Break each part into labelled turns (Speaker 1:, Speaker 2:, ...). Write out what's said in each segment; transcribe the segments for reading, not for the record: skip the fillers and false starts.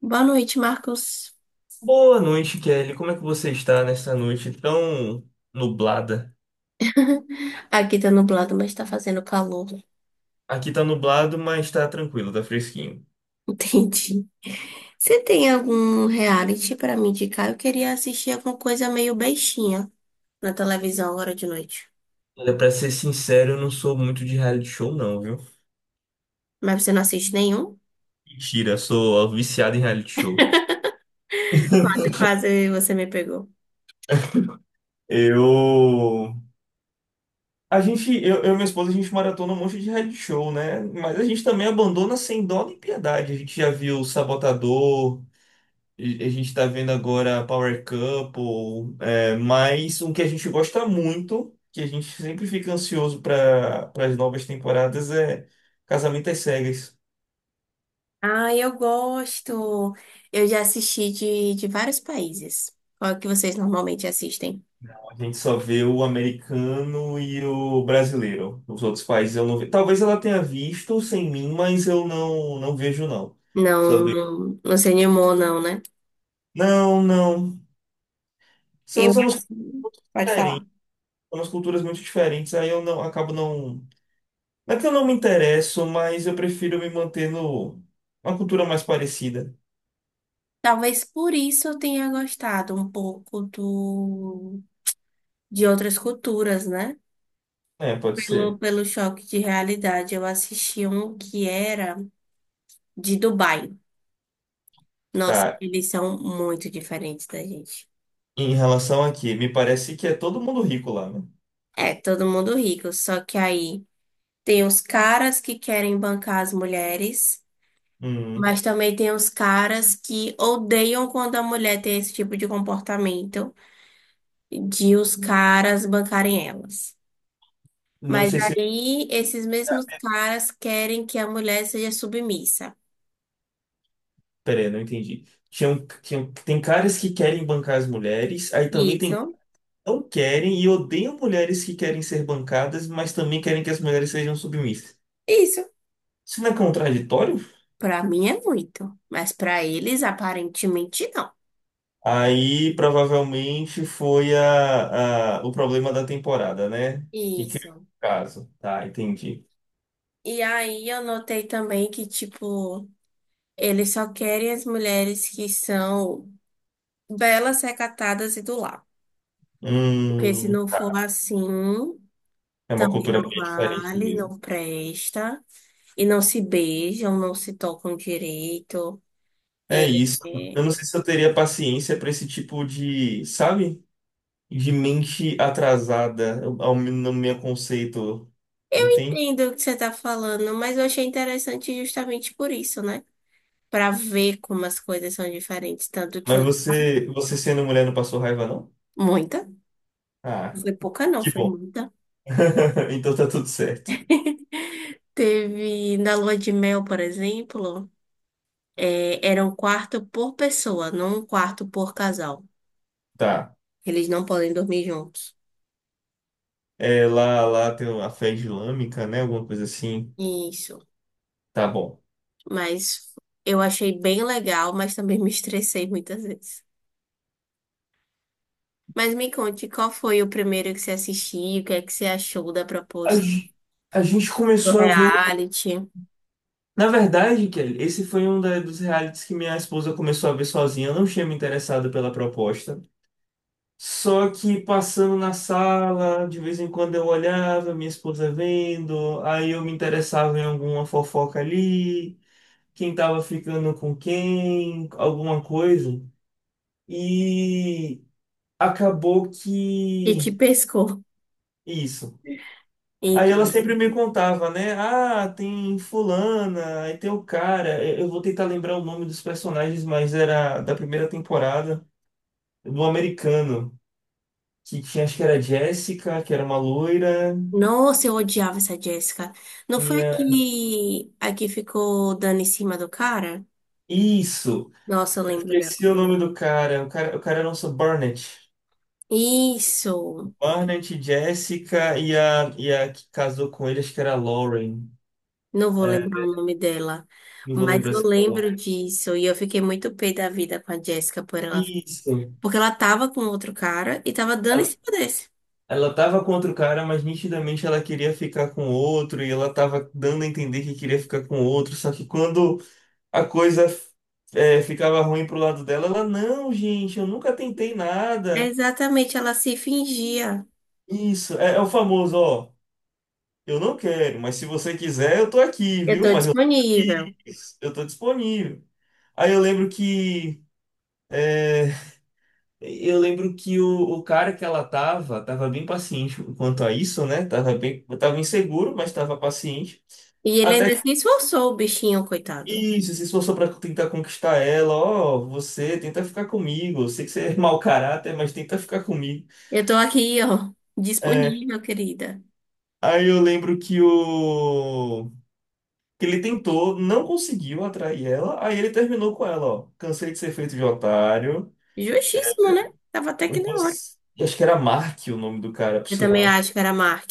Speaker 1: Boa noite, Marcos.
Speaker 2: Boa noite, Kelly. Como é que você está nessa noite tão nublada?
Speaker 1: Aqui tá nublado, mas tá fazendo calor.
Speaker 2: Aqui tá nublado, mas tá tranquilo, tá fresquinho.
Speaker 1: Entendi. Você tem algum reality pra me indicar? Eu queria assistir alguma coisa meio bestinha na televisão agora de noite.
Speaker 2: Olha, pra ser sincero, eu não sou muito de reality show, não, viu?
Speaker 1: Mas você não assiste nenhum?
Speaker 2: Mentira, sou viciado em reality show.
Speaker 1: Quase, quase você me pegou.
Speaker 2: Eu. A gente, eu e minha esposa, a gente maratona um monte de reality show, né? Mas a gente também abandona sem dó nem piedade. A gente já viu o Sabotador. E a gente tá vendo agora Power Couple, mais um que a gente gosta muito, que a gente sempre fica ansioso para as novas temporadas, Casamento às Cegas.
Speaker 1: Ah, eu gosto. Eu já assisti de vários países. Qual é que vocês normalmente assistem?
Speaker 2: A gente só vê o americano e o brasileiro. Os outros países eu não vejo. Talvez ela tenha visto sem mim, mas eu não vejo, não. Só
Speaker 1: Não,
Speaker 2: vejo.
Speaker 1: não, não se animou, não, né?
Speaker 2: Não, não. São,
Speaker 1: Eu
Speaker 2: são umas são
Speaker 1: assisto. Pode falar.
Speaker 2: umas culturas muito diferentes, aí eu não acabo não. Não é que eu não me interesso, mas eu prefiro me manter no uma cultura mais parecida.
Speaker 1: Talvez por isso eu tenha gostado um pouco de outras culturas, né?
Speaker 2: É, pode
Speaker 1: Pelo,
Speaker 2: ser.
Speaker 1: pelo choque de realidade, eu assisti um que era de Dubai. Nossa,
Speaker 2: Tá.
Speaker 1: eles são muito diferentes da gente.
Speaker 2: Em relação aqui, me parece que é todo mundo rico lá, né?
Speaker 1: É, todo mundo rico, só que aí tem os caras que querem bancar as mulheres, mas
Speaker 2: Hum,
Speaker 1: também tem os caras que odeiam quando a mulher tem esse tipo de comportamento de os caras bancarem elas.
Speaker 2: não
Speaker 1: Mas
Speaker 2: sei se.
Speaker 1: aí esses mesmos caras querem que a mulher seja submissa.
Speaker 2: Peraí, não entendi. Tem caras que querem bancar as mulheres, aí também tem que
Speaker 1: Isso,
Speaker 2: não querem e odeiam mulheres que querem ser bancadas, mas também querem que as mulheres sejam submissas.
Speaker 1: isso.
Speaker 2: Isso não é contraditório?
Speaker 1: Pra mim é muito, mas pra eles aparentemente não.
Speaker 2: Aí provavelmente foi o problema da temporada, né? Que criou o
Speaker 1: Isso.
Speaker 2: caso. Tá, entendi.
Speaker 1: E aí eu notei também que, tipo, eles só querem as mulheres que são belas, recatadas e do lar. Porque se
Speaker 2: Hum,
Speaker 1: não for assim,
Speaker 2: é uma
Speaker 1: também
Speaker 2: cultura
Speaker 1: não
Speaker 2: bem diferente do
Speaker 1: vale,
Speaker 2: mesmo.
Speaker 1: não presta. E não se beijam, não se tocam direito.
Speaker 2: É isso. Eu
Speaker 1: É.
Speaker 2: não sei se eu teria paciência para esse tipo de, sabe? De mente atrasada, no meu conceito,
Speaker 1: Eu
Speaker 2: entende?
Speaker 1: entendo o que você está falando, mas eu achei interessante justamente por isso, né? Para ver como as coisas são diferentes. Tanto que
Speaker 2: Mas
Speaker 1: lá-
Speaker 2: você sendo mulher não passou raiva, não?
Speaker 1: muita, não
Speaker 2: Ah,
Speaker 1: foi pouca não,
Speaker 2: que
Speaker 1: foi
Speaker 2: bom.
Speaker 1: muita.
Speaker 2: Então tá tudo certo.
Speaker 1: Teve na lua de mel, por exemplo, era um quarto por pessoa, não um quarto por casal.
Speaker 2: Tá.
Speaker 1: Eles não podem dormir juntos.
Speaker 2: É, lá tem a fé islâmica, né? Alguma coisa assim.
Speaker 1: Isso.
Speaker 2: Tá bom.
Speaker 1: Mas eu achei bem legal, mas também me estressei muitas vezes. Mas me conte, qual foi o primeiro que você assistiu? O que é que você achou da
Speaker 2: A,
Speaker 1: proposta
Speaker 2: ge- a gente
Speaker 1: do
Speaker 2: começou a ver.
Speaker 1: reality?
Speaker 2: Na verdade, Kelly, esse foi um dos realities que minha esposa começou a ver sozinha. Eu não tinha me interessado pela proposta. Só que passando na sala, de vez em quando eu olhava, minha esposa vendo, aí eu me interessava em alguma fofoca ali, quem tava ficando com quem, alguma coisa. E acabou
Speaker 1: E te
Speaker 2: que.
Speaker 1: pescou.
Speaker 2: Isso. Aí ela sempre
Speaker 1: Enfim.
Speaker 2: me contava, né? Ah, tem fulana, aí tem o cara. Eu vou tentar lembrar o nome dos personagens, mas era da primeira temporada, do americano, que tinha, acho que era Jessica, que era uma loira.
Speaker 1: Nossa, eu odiava essa Jéssica. Não foi
Speaker 2: Tinha...
Speaker 1: a que ficou dando em cima do cara?
Speaker 2: Isso!
Speaker 1: Nossa, eu lembro dela.
Speaker 2: Esqueci o nome do cara. O cara era o nosso Barnett.
Speaker 1: Isso!
Speaker 2: Barnett, Jessica e a que casou com ele, acho que era a Lauren.
Speaker 1: Não vou lembrar
Speaker 2: É,
Speaker 1: o nome dela,
Speaker 2: não vou
Speaker 1: mas
Speaker 2: lembrar
Speaker 1: eu
Speaker 2: se falou.
Speaker 1: lembro disso. E eu fiquei muito pé da vida com a Jéssica por ela.
Speaker 2: Isso.
Speaker 1: Porque ela tava com outro cara e tava dando em cima desse.
Speaker 2: Ela tava contra o cara, mas nitidamente ela queria ficar com o outro e ela tava dando a entender que queria ficar com o outro. Só que quando a coisa ficava ruim pro lado dela, ela, não, gente, eu nunca tentei nada.
Speaker 1: Exatamente, ela se fingia.
Speaker 2: Isso, é o famoso, ó, eu não quero, mas se você quiser, eu tô aqui,
Speaker 1: Eu
Speaker 2: viu?
Speaker 1: tô
Speaker 2: Mas eu tô
Speaker 1: disponível.
Speaker 2: aqui, eu tô disponível. Aí eu lembro que. é, Eu lembro que o cara que ela tava, tava bem paciente quanto a isso, né? Tava bem, tava inseguro, mas tava paciente.
Speaker 1: E ele
Speaker 2: Até
Speaker 1: ainda se esforçou, o bichinho,
Speaker 2: que
Speaker 1: coitado.
Speaker 2: isso, se esforçou pra tentar conquistar ela. Ó, você tenta ficar comigo. Eu sei que você é mau caráter, mas tenta ficar comigo.
Speaker 1: Eu tô aqui, ó,
Speaker 2: É,
Speaker 1: disponível, querida.
Speaker 2: aí eu lembro que o que ele tentou, não conseguiu atrair ela. Aí ele terminou com ela, ó. Cansei de ser feito de otário.
Speaker 1: Justíssimo, né? Tava até que na hora.
Speaker 2: Você- acho que era Mark o nome do cara, por
Speaker 1: Eu também
Speaker 2: sinal.
Speaker 1: acho que era Mark.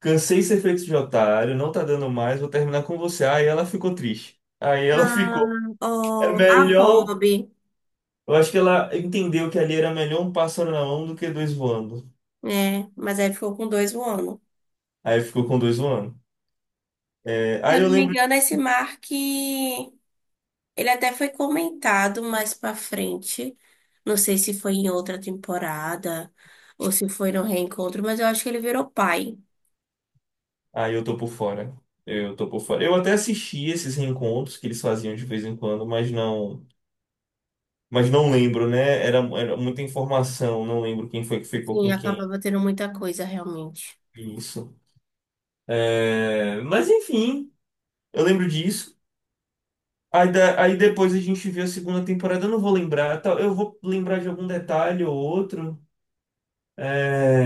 Speaker 2: Cansei de ser feito de otário, não tá dando mais, vou terminar com você. Aí ela ficou triste. Aí ela
Speaker 1: Ah,
Speaker 2: ficou. É
Speaker 1: oh, a
Speaker 2: melhor.
Speaker 1: Kobe.
Speaker 2: Eu acho que ela entendeu que ali era melhor um pássaro na mão do que dois voando.
Speaker 1: É, mas aí ficou com dois voando.
Speaker 2: Aí ficou com dois voando. É,
Speaker 1: Se eu
Speaker 2: aí eu
Speaker 1: não me
Speaker 2: lembro.
Speaker 1: engano, esse Mark, ele até foi comentado mais pra frente. Não sei se foi em outra temporada ou se foi no reencontro, mas eu acho que ele virou pai.
Speaker 2: Aí eu tô por fora. Eu tô por fora. Eu até assisti esses reencontros que eles faziam de vez em quando, mas não. Mas não lembro, né? Era muita informação, não lembro quem foi que ficou
Speaker 1: Sim,
Speaker 2: com quem.
Speaker 1: acabava tendo muita coisa realmente.
Speaker 2: Isso. É, mas enfim, eu lembro disso. Aí depois a gente vê a segunda temporada, eu não vou lembrar, tá, eu vou lembrar de algum detalhe ou outro.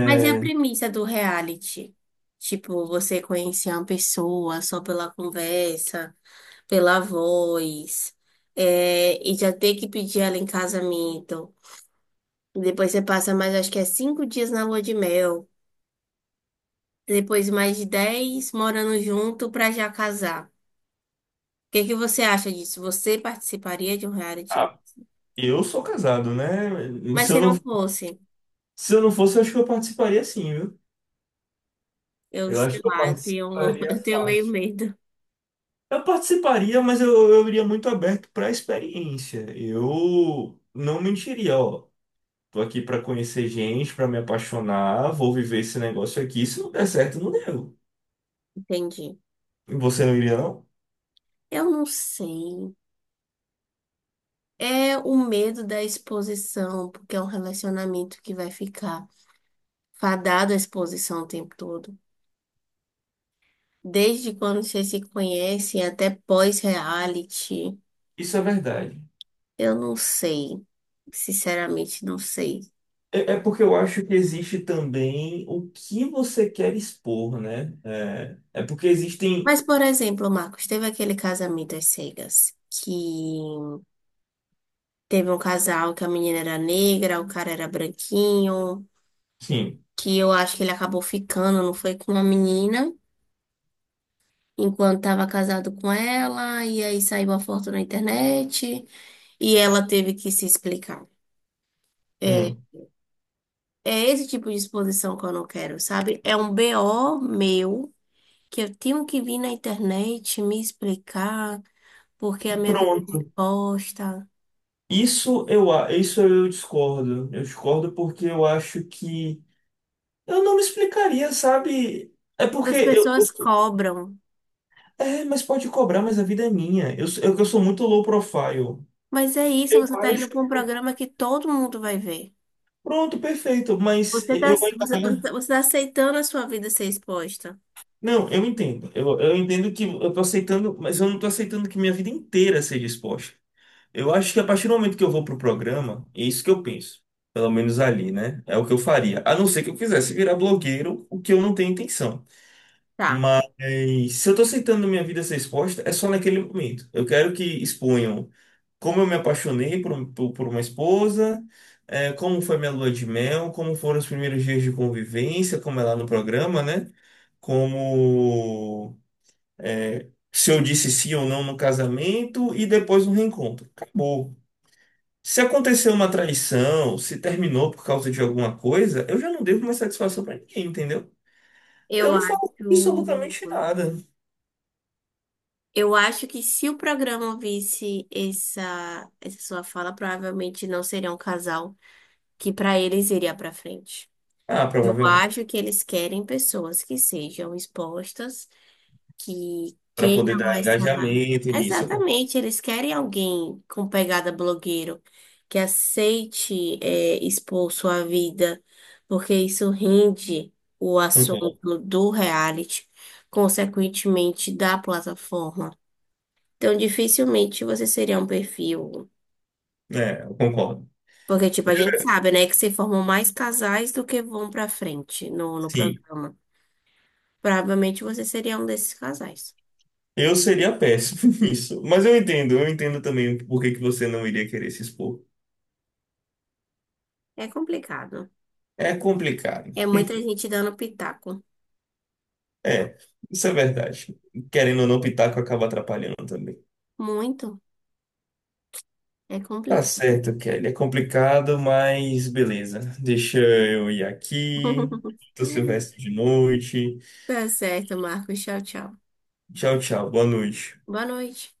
Speaker 1: Mas é a premissa do reality? Tipo, você conhecer uma pessoa só pela conversa, pela voz, e já ter que pedir ela em casamento. Depois você passa mais, acho que é 5 dias na lua de mel. Depois mais de 10 morando junto pra já casar. O que que você acha disso? Você participaria de um reality?
Speaker 2: ah, eu sou casado, né?
Speaker 1: Mas
Speaker 2: Se eu
Speaker 1: se não
Speaker 2: não,
Speaker 1: fosse,
Speaker 2: se eu não fosse, eu acho que eu participaria sim, viu?
Speaker 1: eu
Speaker 2: Eu acho
Speaker 1: sei
Speaker 2: que eu
Speaker 1: lá, eu tenho,
Speaker 2: participaria
Speaker 1: eu tenho meio
Speaker 2: fácil.
Speaker 1: medo.
Speaker 2: Eu participaria, mas eu iria muito aberto para a experiência. Eu não mentiria, ó. Tô aqui para conhecer gente, para me apaixonar, vou viver esse negócio aqui. Se não der certo, não deu.
Speaker 1: Entendi.
Speaker 2: E você não iria, não?
Speaker 1: Eu não sei. É o medo da exposição, porque é um relacionamento que vai ficar fadado à exposição o tempo todo. Desde quando vocês se conhecem até pós-reality,
Speaker 2: Isso é verdade.
Speaker 1: eu não sei. Sinceramente, não sei.
Speaker 2: É porque eu acho que existe também o que você quer expor, né? É porque existem,
Speaker 1: Mas, por exemplo, Marcos, teve aquele Casamento às Cegas, que teve um casal que a menina era negra, o cara era branquinho,
Speaker 2: sim,
Speaker 1: que eu acho que ele acabou ficando, não foi com a menina, enquanto estava casado com ela, e aí saiu a foto na internet, e ela teve que se explicar. É,
Speaker 2: hum,
Speaker 1: é esse tipo de exposição que eu não quero, sabe? É um BO meu que eu tenho que vir na internet me explicar porque a minha vida é
Speaker 2: pronto.
Speaker 1: exposta.
Speaker 2: Isso eu discordo. Eu discordo porque eu acho que eu não me explicaria, sabe? É
Speaker 1: Mas
Speaker 2: porque
Speaker 1: as
Speaker 2: eu
Speaker 1: pessoas
Speaker 2: sou-
Speaker 1: cobram.
Speaker 2: é, mas pode cobrar, mas a vida é minha. Eu sou muito low profile.
Speaker 1: Mas é isso,
Speaker 2: Eu
Speaker 1: você tá
Speaker 2: acho.
Speaker 1: indo para um programa que todo mundo vai ver.
Speaker 2: Pronto, perfeito, mas
Speaker 1: Você tá,
Speaker 2: eu
Speaker 1: você,
Speaker 2: ainda.
Speaker 1: você
Speaker 2: Né?
Speaker 1: tá, você tá aceitando a sua vida ser exposta.
Speaker 2: Não, eu entendo. Eu entendo que eu tô aceitando, mas eu não tô aceitando que minha vida inteira seja exposta. Eu acho que a partir do momento que eu vou pro programa, é isso que eu penso. Pelo menos ali, né? É o que eu faria. A não ser que eu quisesse virar blogueiro, o que eu não tenho intenção. E se eu tô aceitando minha vida ser exposta, é só naquele momento. Eu quero que exponham como eu me apaixonei por uma esposa, eh, como foi minha lua de mel, como foram os primeiros dias de convivência, como é lá no programa, né? Como, eh, se eu disse sim ou não no casamento e depois no reencontro. Acabou. Se aconteceu uma traição, se terminou por causa de alguma coisa, eu já não devo mais satisfação pra ninguém, entendeu? Eu
Speaker 1: Eu
Speaker 2: não falo
Speaker 1: acho,
Speaker 2: absolutamente nada.
Speaker 1: eu acho que se o programa visse essa sua fala, provavelmente não seria um casal que para eles iria para frente.
Speaker 2: Ah,
Speaker 1: Eu
Speaker 2: provavelmente.
Speaker 1: acho que eles querem pessoas que sejam expostas, que
Speaker 2: Pra poder
Speaker 1: queiram
Speaker 2: dar
Speaker 1: essa.
Speaker 2: engajamento nisso, eu
Speaker 1: Exatamente, eles querem alguém com pegada blogueiro, que aceite, é, expor sua vida, porque isso rende o
Speaker 2: concordo.
Speaker 1: assunto do reality, consequentemente da plataforma. Então, dificilmente você seria um perfil.
Speaker 2: É, eu concordo.
Speaker 1: Porque, tipo, a gente sabe, né, que se formam mais casais do que vão pra frente no
Speaker 2: Sim.
Speaker 1: programa. Provavelmente você seria um desses casais.
Speaker 2: Eu seria péssimo nisso. Mas eu entendo também por que que você não iria querer se expor.
Speaker 1: É complicado.
Speaker 2: É complicado.
Speaker 1: É muita gente dando pitaco.
Speaker 2: É, isso é verdade. Querendo ou não, o pitaco acaba atrapalhando também.
Speaker 1: Muito. É
Speaker 2: Tá
Speaker 1: complicado.
Speaker 2: certo, Kelly. É complicado, mas beleza. Deixa eu ir aqui. Tô Silvestre de noite.
Speaker 1: Tá certo, Marcos. Tchau, tchau.
Speaker 2: Tchau, tchau. Boa noite.
Speaker 1: Boa noite.